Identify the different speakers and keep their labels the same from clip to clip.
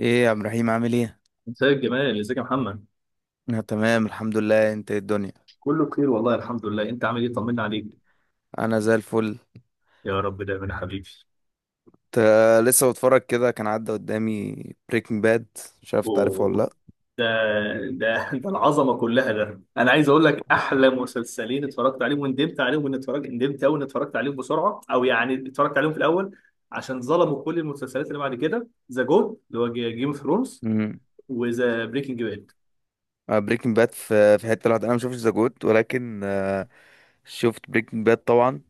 Speaker 1: ايه يا عبد الرحيم عامل ايه؟
Speaker 2: مساء الجمال، ازيك يا محمد؟
Speaker 1: انا تمام الحمد لله، انت إيه الدنيا؟
Speaker 2: كله بخير والله، الحمد لله. انت عامل ايه؟ طمنا عليك.
Speaker 1: انا زي الفل.
Speaker 2: يا رب دايما يا حبيبي.
Speaker 1: لسه بتفرج كده، كان عدى قدامي بريكنج باد. مش عارف تعرفه ولا
Speaker 2: أوه.
Speaker 1: لا؟
Speaker 2: ده ده ده العظمه كلها. ده انا عايز اقول لك احلى مسلسلين اتفرجت عليهم وندمت عليهم، وان اتفرجت ندمت قوي ان اتفرجت عليهم بسرعه، او يعني اتفرجت عليهم في الاول عشان ظلموا كل المسلسلات اللي بعد كده، ذا جود اللي هو جيم اوف ثرونز
Speaker 1: امم
Speaker 2: وذا بريكنج باد.
Speaker 1: بريكنج باد في حته لوحدها، انا ما شفتش ذا جود، ولكن شفت بريكنج باد طبعا.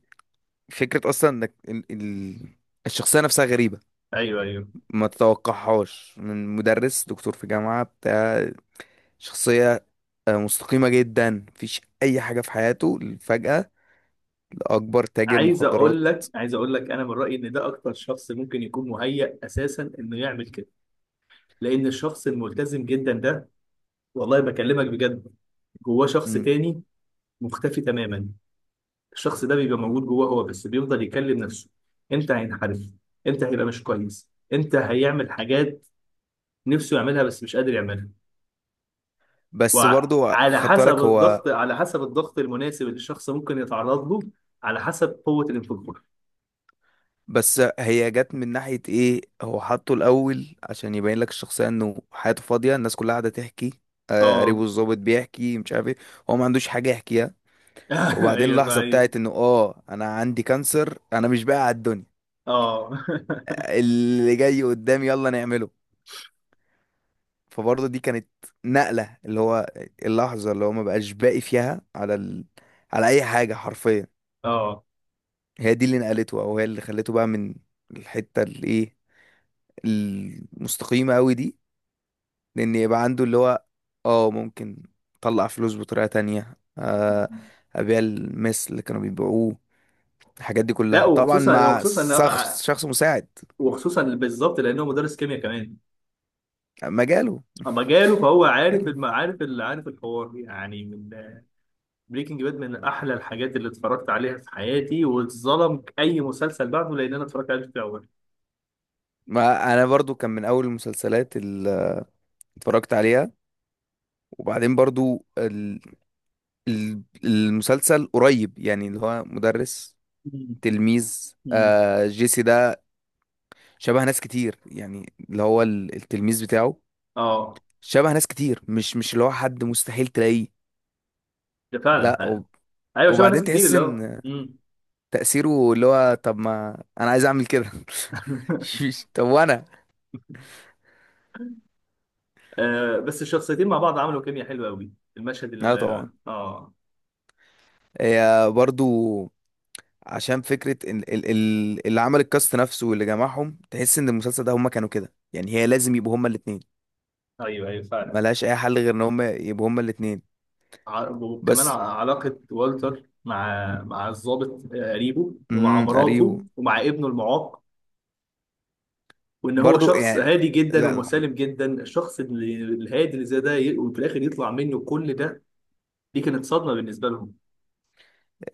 Speaker 1: فكره اصلا انك، الشخصيه نفسها غريبه،
Speaker 2: ايوه ايوه.
Speaker 1: ما تتوقعهاش من مدرس دكتور في جامعه، بتاع شخصيه، مستقيمه جدا، مفيش اي حاجه في حياته، فجاه لاكبر تاجر
Speaker 2: عايز
Speaker 1: مخدرات.
Speaker 2: اقول لك، عايز اقول لك، انا من رايي ان ده اكتر شخص ممكن يكون مهيأ اساسا انه يعمل كده، لان الشخص الملتزم جدا ده، والله بكلمك بجد، جواه شخص تاني مختفي تماما. الشخص ده بيبقى موجود جواه هو، بس بيفضل يكلم نفسه: انت هينحرف، انت هيبقى مش كويس، انت هيعمل حاجات نفسه يعملها بس مش قادر يعملها.
Speaker 1: بس برضو
Speaker 2: وعلى
Speaker 1: خدت
Speaker 2: حسب
Speaker 1: بالك هو.
Speaker 2: الضغط، على حسب الضغط المناسب اللي الشخص ممكن يتعرض له، على حسب قوة الانفجار.
Speaker 1: بس هي جت من ناحية ايه؟ هو حطه الأول عشان يبين لك الشخصية انه حياته فاضية، الناس كلها قاعدة تحكي،
Speaker 2: اه.
Speaker 1: قريبه الظابط بيحكي، مش عارف ايه. هو ما عندوش حاجة يحكيها. وبعدين
Speaker 2: ايوه
Speaker 1: اللحظة
Speaker 2: فاهم.
Speaker 1: بتاعت انه انا عندي كانسر، انا مش باقي على الدنيا،
Speaker 2: اه.
Speaker 1: اللي جاي قدامي يلا نعمله. فبرضه دي كانت نقلة، اللي هو اللحظة اللي هو ما بقاش باقي فيها على على أي حاجة حرفيا.
Speaker 2: اه.
Speaker 1: هي دي اللي نقلته، أو هي اللي خلته بقى من الحتة الإيه المستقيمة قوي دي، لان يبقى عنده اللي هو اه ممكن، طلع فلوس بطريقة تانية، ابيع المس اللي كانوا بيبيعوه، الحاجات دي
Speaker 2: لا،
Speaker 1: كلها طبعا
Speaker 2: وخصوصا،
Speaker 1: مع
Speaker 2: وخصوصا،
Speaker 1: شخص مساعد،
Speaker 2: وخصوصا بالظبط لانه مدرس كيمياء كمان.
Speaker 1: مجاله
Speaker 2: اما جاله فهو عارف
Speaker 1: مجاله.
Speaker 2: عارف عارف الحوار، يعني. من بريكنج باد، من احلى الحاجات اللي اتفرجت عليها في حياتي، واتظلم اي مسلسل بعده لان انا اتفرجت عليه في الاول.
Speaker 1: ما انا برضو كان من اول المسلسلات اللي اتفرجت عليها. وبعدين برضو المسلسل قريب، يعني اللي هو مدرس،
Speaker 2: مم.
Speaker 1: تلميذ،
Speaker 2: مم.
Speaker 1: آه جيسي ده، شبه ناس كتير، يعني اللي هو التلميذ بتاعه
Speaker 2: اه.
Speaker 1: شبه ناس كتير، مش اللي هو حد مستحيل تلاقيه.
Speaker 2: ده فعلا
Speaker 1: لا
Speaker 2: حقيقة. ايوه، شبه ناس
Speaker 1: وبعدين
Speaker 2: كتير
Speaker 1: تحس
Speaker 2: اللي هو
Speaker 1: ان
Speaker 2: مم.
Speaker 1: تأثيره، اللي هو طب ما انا عايز اعمل كده. طب وانا.
Speaker 2: آه، بس الشخصيتين مع بعض عملوا كيمياء حلوه قوي. المشهد اللي
Speaker 1: لا طبعا،
Speaker 2: اه آه.
Speaker 1: هي برضو عشان فكرة اللي عمل الكاست نفسه واللي جمعهم، تحس ان المسلسل ده هما كانوا كده يعني، هي لازم يبقوا هما الاتنين،
Speaker 2: ايوه ايوه فعلا.
Speaker 1: ملهاش اي حل غير ان هما يبقوا هما الاتنين
Speaker 2: ع- وكمان ع-
Speaker 1: بس.
Speaker 2: علاقه والتر مع مع الضابط آه، قريبه، ومع
Speaker 1: اريو.
Speaker 2: مراته، ومع ابنه المعاق. وان هو
Speaker 1: برضو
Speaker 2: شخص
Speaker 1: يعني،
Speaker 2: هادي جدا
Speaker 1: لا.
Speaker 2: ومسالم جدا، الشخص الهادي اللي زي ده وفي الاخر يطلع منه كل ده. دي كانت صدمه بالنسبه لهم.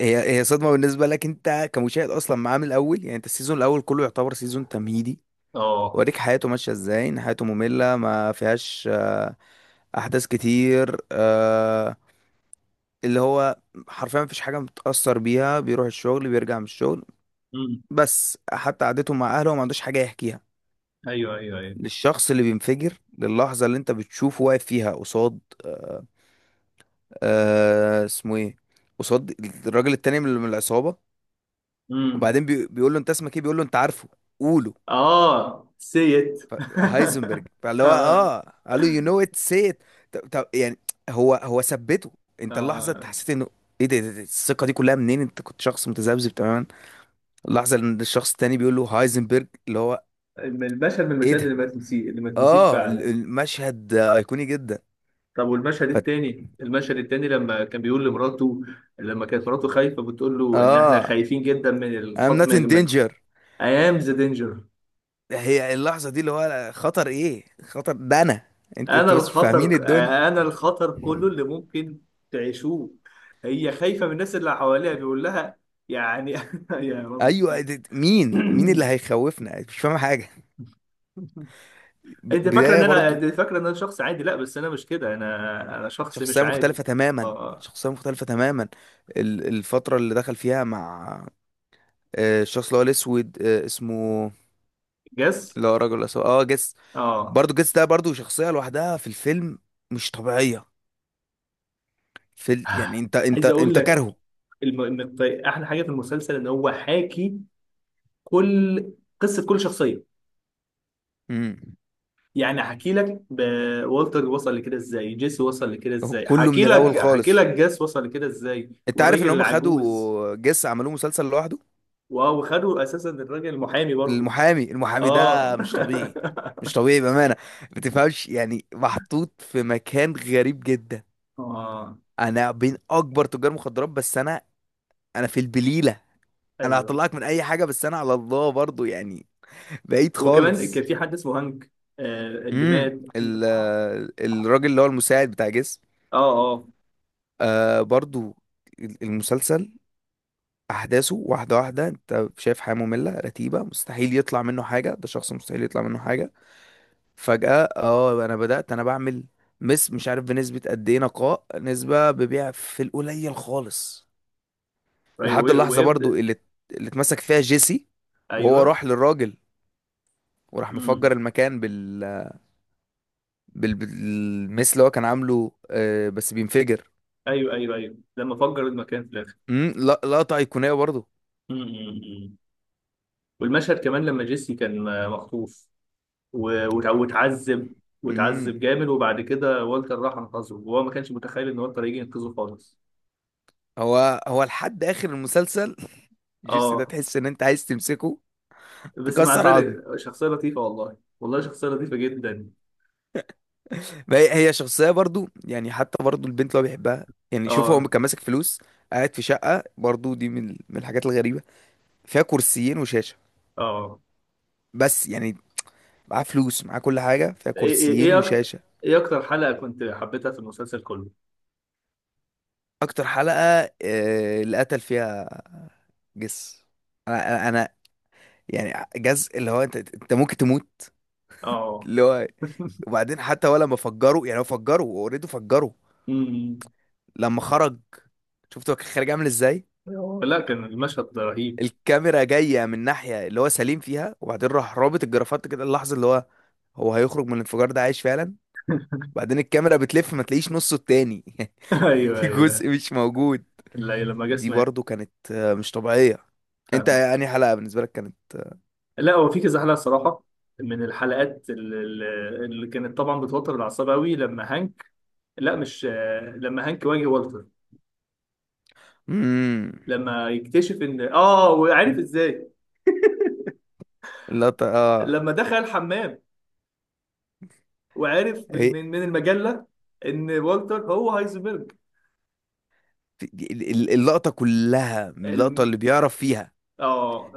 Speaker 1: هي صدمة بالنسبة لك انت كمشاهد اصلا معاه من الاول يعني، انت السيزون الاول كله يعتبر سيزون تمهيدي،
Speaker 2: اه.
Speaker 1: وريك حياته ماشية ازاي، ان حياته مملة ما فيهاش احداث كتير، اللي هو حرفيا مفيش حاجة متأثر بيها، بيروح الشغل بيرجع من الشغل،
Speaker 2: امم.
Speaker 1: بس حتى قعدته مع اهله ما عندوش حاجة يحكيها،
Speaker 2: ايوه ايوه ايوه.
Speaker 1: للشخص اللي بينفجر، للحظة اللي انت بتشوفه واقف فيها قصاد اسمه ايه، قصاد الراجل التاني من العصابة.
Speaker 2: امم.
Speaker 1: وبعدين بيقول له انت اسمك ايه، بيقول له انت عارفه، قوله،
Speaker 2: اه سيت.
Speaker 1: هايزنبرج، فاللي هو
Speaker 2: اه
Speaker 1: قال له يو نو ات سي ات. طب طب يعني، هو ثبته، انت اللحظه انت
Speaker 2: اه.
Speaker 1: حسيت انه ايه ده الثقه دي كلها منين؟ انت كنت شخص متذبذب تماما، اللحظه ان الشخص التاني بيقول له هايزنبرج اللي هو.
Speaker 2: المشهد من
Speaker 1: ايه
Speaker 2: المشاهد اللي
Speaker 1: ده،
Speaker 2: ما تنسي اللي ما تنسيش
Speaker 1: اه
Speaker 2: فعلا.
Speaker 1: المشهد ايقوني جدا.
Speaker 2: طب والمشهد
Speaker 1: ف...
Speaker 2: التاني، المشهد التاني لما كان بيقول لمراته، لما كانت مراته خايفه بتقول له ان احنا
Speaker 1: اه
Speaker 2: خايفين جدا من
Speaker 1: I'm not
Speaker 2: الخطر،
Speaker 1: in
Speaker 2: من
Speaker 1: danger.
Speaker 2: ايام ذا دينجر.
Speaker 1: هي اللحظه دي اللي هو خطر ايه، خطر ده انا، انت
Speaker 2: انا
Speaker 1: انت بس مش فاهمين
Speaker 2: الخطر،
Speaker 1: الدنيا.
Speaker 2: انا الخطر كله اللي ممكن تعيشوه. هي خايفة من الناس اللي حواليها، بيقول لها يعني. يا
Speaker 1: ايوه،
Speaker 2: ربي.
Speaker 1: مين اللي هيخوفنا، مش فاهم حاجه.
Speaker 2: انت فاكره ان
Speaker 1: بدايه
Speaker 2: انا،
Speaker 1: برضو.
Speaker 2: انت فاكره ان انا شخص عادي؟ لا، بس انا مش كده، انا شخص مش
Speaker 1: شخصية
Speaker 2: عادي.
Speaker 1: مختلفة تماما،
Speaker 2: اه
Speaker 1: شخصية مختلفة تماما. الفترة اللي دخل فيها مع، الشخص اللي هو الأسود، اسمه،
Speaker 2: جس.
Speaker 1: اللي هو الراجل الأسود، جس.
Speaker 2: اه،
Speaker 1: برضه جس ده برضه شخصية لوحدها في الفيلم، مش طبيعية، يعني، انت انت
Speaker 2: عايز اقول
Speaker 1: انت
Speaker 2: لك،
Speaker 1: كارهه.
Speaker 2: إن احلى حاجه في المسلسل ان هو حاكي كل قصه كل شخصيه.
Speaker 1: امم
Speaker 2: يعني هحكي لك والتر وصل لكده ازاي، جيسي وصل لكده
Speaker 1: هو
Speaker 2: ازاي،
Speaker 1: كله
Speaker 2: هحكي
Speaker 1: من
Speaker 2: لك،
Speaker 1: الأول
Speaker 2: هحكي
Speaker 1: خالص.
Speaker 2: لك جاس وصل لكده ازاي
Speaker 1: انت عارف
Speaker 2: والراجل
Speaker 1: ان هم
Speaker 2: العجوز.
Speaker 1: خدوا جس عملوه مسلسل لوحده.
Speaker 2: واو، خدوا اساسا الراجل المحامي برضه.
Speaker 1: المحامي
Speaker 2: اه.
Speaker 1: ده مش طبيعي، مش طبيعي بأمانة. ما تفهمش يعني، محطوط في مكان غريب جدا.
Speaker 2: اه.
Speaker 1: انا بين اكبر تجار مخدرات، بس انا في البليله، انا
Speaker 2: ايوه،
Speaker 1: هطلعك من اي حاجه، بس انا على الله برضو يعني. بعيد
Speaker 2: وكمان كان
Speaker 1: خالص.
Speaker 2: في حد اسمه هانك، آه اللي
Speaker 1: امم
Speaker 2: مات.
Speaker 1: ال الراجل اللي هو المساعد بتاع جسم،
Speaker 2: اه اه.
Speaker 1: برضو. المسلسل، احداثه واحده واحده، انت شايف حياه ممله رتيبه، مستحيل يطلع منه حاجه، ده شخص مستحيل يطلع منه حاجه، فجاه انا بدات، انا بعمل مش عارف بنسبه قد ايه نقاء، نسبه ببيع في القليل خالص،
Speaker 2: ايوه
Speaker 1: لحد اللحظة برضو
Speaker 2: ويبدا.
Speaker 1: اللي اتمسك فيها جيسي، وهو
Speaker 2: ايوه.
Speaker 1: راح للراجل، وراح مفجر
Speaker 2: امم.
Speaker 1: المكان بالمس اللي هو كان عامله، بس بينفجر.
Speaker 2: ايوه ايوه ايوه، لما فجر المكان في الاخر.
Speaker 1: لقطة أيقونية برضو.
Speaker 2: امم. والمشهد كمان لما جيسي كان آه، مخطوف، وتعذب،
Speaker 1: امم
Speaker 2: وتعذب جامد، وبعد كده والتر راح انقذه، وهو ما كانش متخيل ان والتر هيجي ينقذه خالص.
Speaker 1: هو لحد آخر المسلسل. جيسي ده
Speaker 2: اه،
Speaker 1: تحس إن أنت عايز تمسكه
Speaker 2: بس مع
Speaker 1: تكسر عظم.
Speaker 2: ذلك شخصية لطيفة، والله والله شخصية لطيفة جدا.
Speaker 1: ما هي شخصية برضو يعني، حتى برضو البنت اللي هو بيحبها، يعني شوف، هو
Speaker 2: اه
Speaker 1: كان ماسك فلوس، قاعد في شقة، برضو دي من الحاجات الغريبة، فيها كرسيين وشاشة،
Speaker 2: اه.
Speaker 1: بس يعني، معاه فلوس، معاه كل حاجة، فيها
Speaker 2: ايه ايه
Speaker 1: كرسيين
Speaker 2: ايه اكتر.
Speaker 1: وشاشة.
Speaker 2: ايه اكتر حلقة كنت حبيتها في المسلسل كله؟
Speaker 1: أكتر حلقة، اللي قتل فيها جس، أنا يعني، جز اللي هو، أنت ممكن تموت،
Speaker 2: اه.
Speaker 1: اللي هو. وبعدين حتى هو لما فجروا، يعني هو فجروا أوريدي فجروا،
Speaker 2: أمم.
Speaker 1: لما خرج، شفت هو كان خارج عامل إزاي،
Speaker 2: لا، كان المشهد رهيب.
Speaker 1: الكاميرا جاية من ناحية اللي هو سليم فيها، وبعدين راح رابط الجرافات كده، اللحظة اللي هو هيخرج من الانفجار ده عايش فعلا، وبعدين الكاميرا بتلف، ما تلاقيش نصه التاني.
Speaker 2: ايوه
Speaker 1: في
Speaker 2: ايوه.
Speaker 1: جزء مش موجود.
Speaker 2: لا لما جه
Speaker 1: دي
Speaker 2: مات.
Speaker 1: برضو كانت مش طبيعية. انت
Speaker 2: فاهم.
Speaker 1: يعني حلقة بالنسبة لك كانت.
Speaker 2: لا، هو في كذا حلقه صراحه، من الحلقات اللي كانت طبعا بتوتر الاعصاب قوي، لما هانك، لا مش آه، لما هانك واجه والتر،
Speaker 1: امم
Speaker 2: لما يكتشف ان اه، وعارف ازاي،
Speaker 1: اللقطة،
Speaker 2: لما دخل الحمام، وعارف
Speaker 1: هي-
Speaker 2: من من المجله ان والتر هو هايزنبرج.
Speaker 1: اللقطة كلها من اللقطة
Speaker 2: الم...
Speaker 1: اللي بيعرف فيها،
Speaker 2: اه.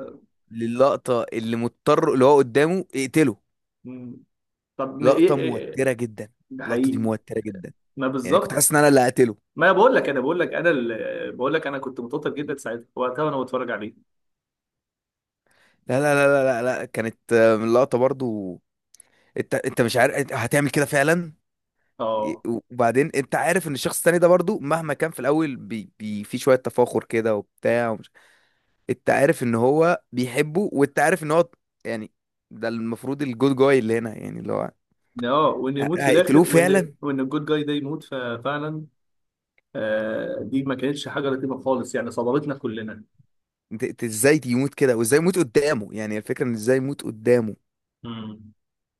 Speaker 1: للقطة اللي مضطر اللي هو قدامه اقتله.
Speaker 2: مم. طب ما ايه
Speaker 1: لقطة
Speaker 2: إيه؟
Speaker 1: موترة جدا،
Speaker 2: ده
Speaker 1: اللقطة دي
Speaker 2: حقيقي.
Speaker 1: موترة جدا،
Speaker 2: ما
Speaker 1: يعني كنت
Speaker 2: بالظبط.
Speaker 1: حاسس ان انا اللي هقتله.
Speaker 2: ما بقول لك انا بقول لك انا كنت متوتر جدا ساعتها، وقتها وانا بتفرج عليه.
Speaker 1: لا، لا، لا، لا، لا، لا، كانت من اللقطة برضو. انت مش عارف انت هتعمل كده فعلا.
Speaker 2: اه.
Speaker 1: وبعدين انت عارف ان الشخص التاني ده برضو، مهما كان في الاول، في شوية تفاخر كده وبتاع. انت عارف ان هو بيحبه، وانت عارف ان هو يعني، ده المفروض الجود جاي اللي هنا يعني اللي هو،
Speaker 2: اه، وان يموت في الاخر،
Speaker 1: هيقتلوه
Speaker 2: وان
Speaker 1: فعلا.
Speaker 2: وان الجود جاي ده يموت، ففعلا. آه، دي ما كانتش حاجه لطيفه خالص، يعني صدمتنا كلنا.
Speaker 1: انت ازاي يموت كده، وازاي يموت قدامه، يعني الفكره ان ازاي يموت قدامه.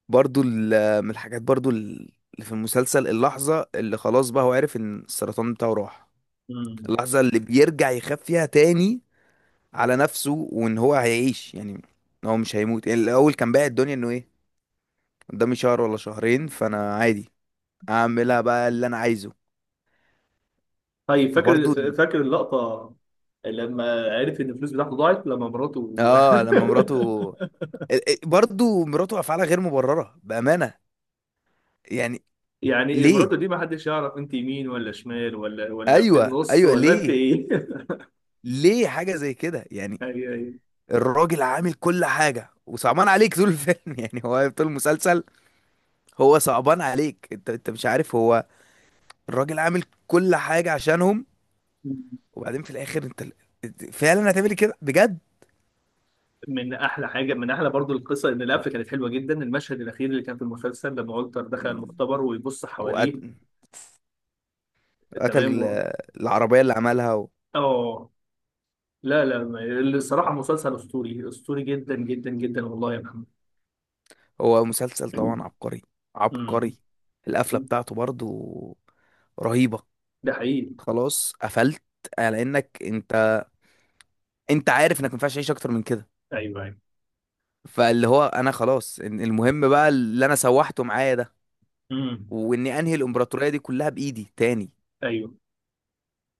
Speaker 1: برضو من الحاجات برضو اللي في المسلسل، اللحظه اللي خلاص بقى هو عارف ان السرطان بتاعه راح،
Speaker 2: مم.
Speaker 1: اللحظه اللي بيرجع يخاف فيها تاني على نفسه، وان هو هيعيش يعني، ان هو مش هيموت يعني. الاول كان بايع الدنيا انه ايه، قدامي شهر ولا شهرين فانا عادي، اعملها بقى اللي انا عايزه.
Speaker 2: طيب، فاكر،
Speaker 1: فبرضه
Speaker 2: فاكر اللقطة لما عرف ان الفلوس بتاعته ضاعت لما مراته.
Speaker 1: اه لما مراته، برضو مراته افعالها غير مبرره بامانه يعني،
Speaker 2: يعني
Speaker 1: ليه؟
Speaker 2: مراته دي ما حدش يعرف انت يمين ولا شمال، ولا في
Speaker 1: ايوه،
Speaker 2: النص،
Speaker 1: ايوه،
Speaker 2: ولا انت
Speaker 1: ليه؟
Speaker 2: ايه.
Speaker 1: ليه حاجه زي كده يعني؟
Speaker 2: ايوه ايوه.
Speaker 1: الراجل عامل كل حاجه، وصعبان عليك طول الفيلم، يعني هو طول المسلسل، هو صعبان عليك، انت مش عارف هو، الراجل عامل كل حاجه عشانهم، وبعدين في الاخر انت فعلا هتعمل كده بجد.
Speaker 2: من احلى حاجه، من احلى برضو القصه، ان القفله كانت حلوه جدا، المشهد الاخير اللي كان في المسلسل لما والتر دخل المختبر ويبص حواليه.
Speaker 1: وقتل
Speaker 2: تمام و...
Speaker 1: العربيه اللي عملها.
Speaker 2: اه. لا لا ما-. الصراحه مسلسل اسطوري، اسطوري جدا جدا جدا، والله يا محمد.
Speaker 1: هو مسلسل طبعا عبقري،
Speaker 2: امم.
Speaker 1: عبقري. القفلة بتاعته برضو رهيبة،
Speaker 2: ده حقيقي.
Speaker 1: خلاص قفلت على انك، انت عارف انك ما ينفعش تعيش اكتر من كده،
Speaker 2: ايوه ايوه.
Speaker 1: فاللي هو انا خلاص، المهم بقى اللي انا سوحته معايا ده،
Speaker 2: امم.
Speaker 1: واني انهي الامبراطورية دي كلها بايدي تاني.
Speaker 2: ايوه.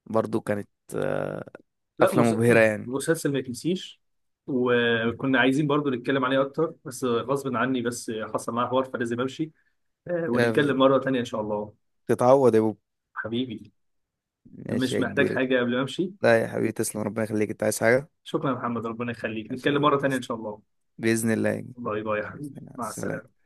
Speaker 1: برضو كانت آه،
Speaker 2: لا
Speaker 1: قفلة
Speaker 2: مس...
Speaker 1: مبهرة يعني.
Speaker 2: مسلسل ما يتنسيش. وكنا عايزين برضو نتكلم عليه اكتر، بس غصب عني، بس حصل معايا حوار فلازم امشي آه،
Speaker 1: آه،
Speaker 2: ونتكلم مره تانية ان شاء الله.
Speaker 1: تتعوض يا بوب.
Speaker 2: حبيبي،
Speaker 1: ماشي
Speaker 2: مش
Speaker 1: يا
Speaker 2: محتاج
Speaker 1: كبير.
Speaker 2: حاجه قبل ما امشي.
Speaker 1: لا يا حبيبي تسلم، ربنا يخليك، انت عايز حاجة؟
Speaker 2: شكرا يا محمد، ربنا يخليك،
Speaker 1: ماشي يا
Speaker 2: نتكلم مره
Speaker 1: حبيبي،
Speaker 2: تانية ان
Speaker 1: تسلم.
Speaker 2: شاء الله.
Speaker 1: بإذن الله يا كبير.
Speaker 2: باي باي يا
Speaker 1: بإذن
Speaker 2: حبيبي،
Speaker 1: الله،
Speaker 2: مع
Speaker 1: سلام.
Speaker 2: السلامه.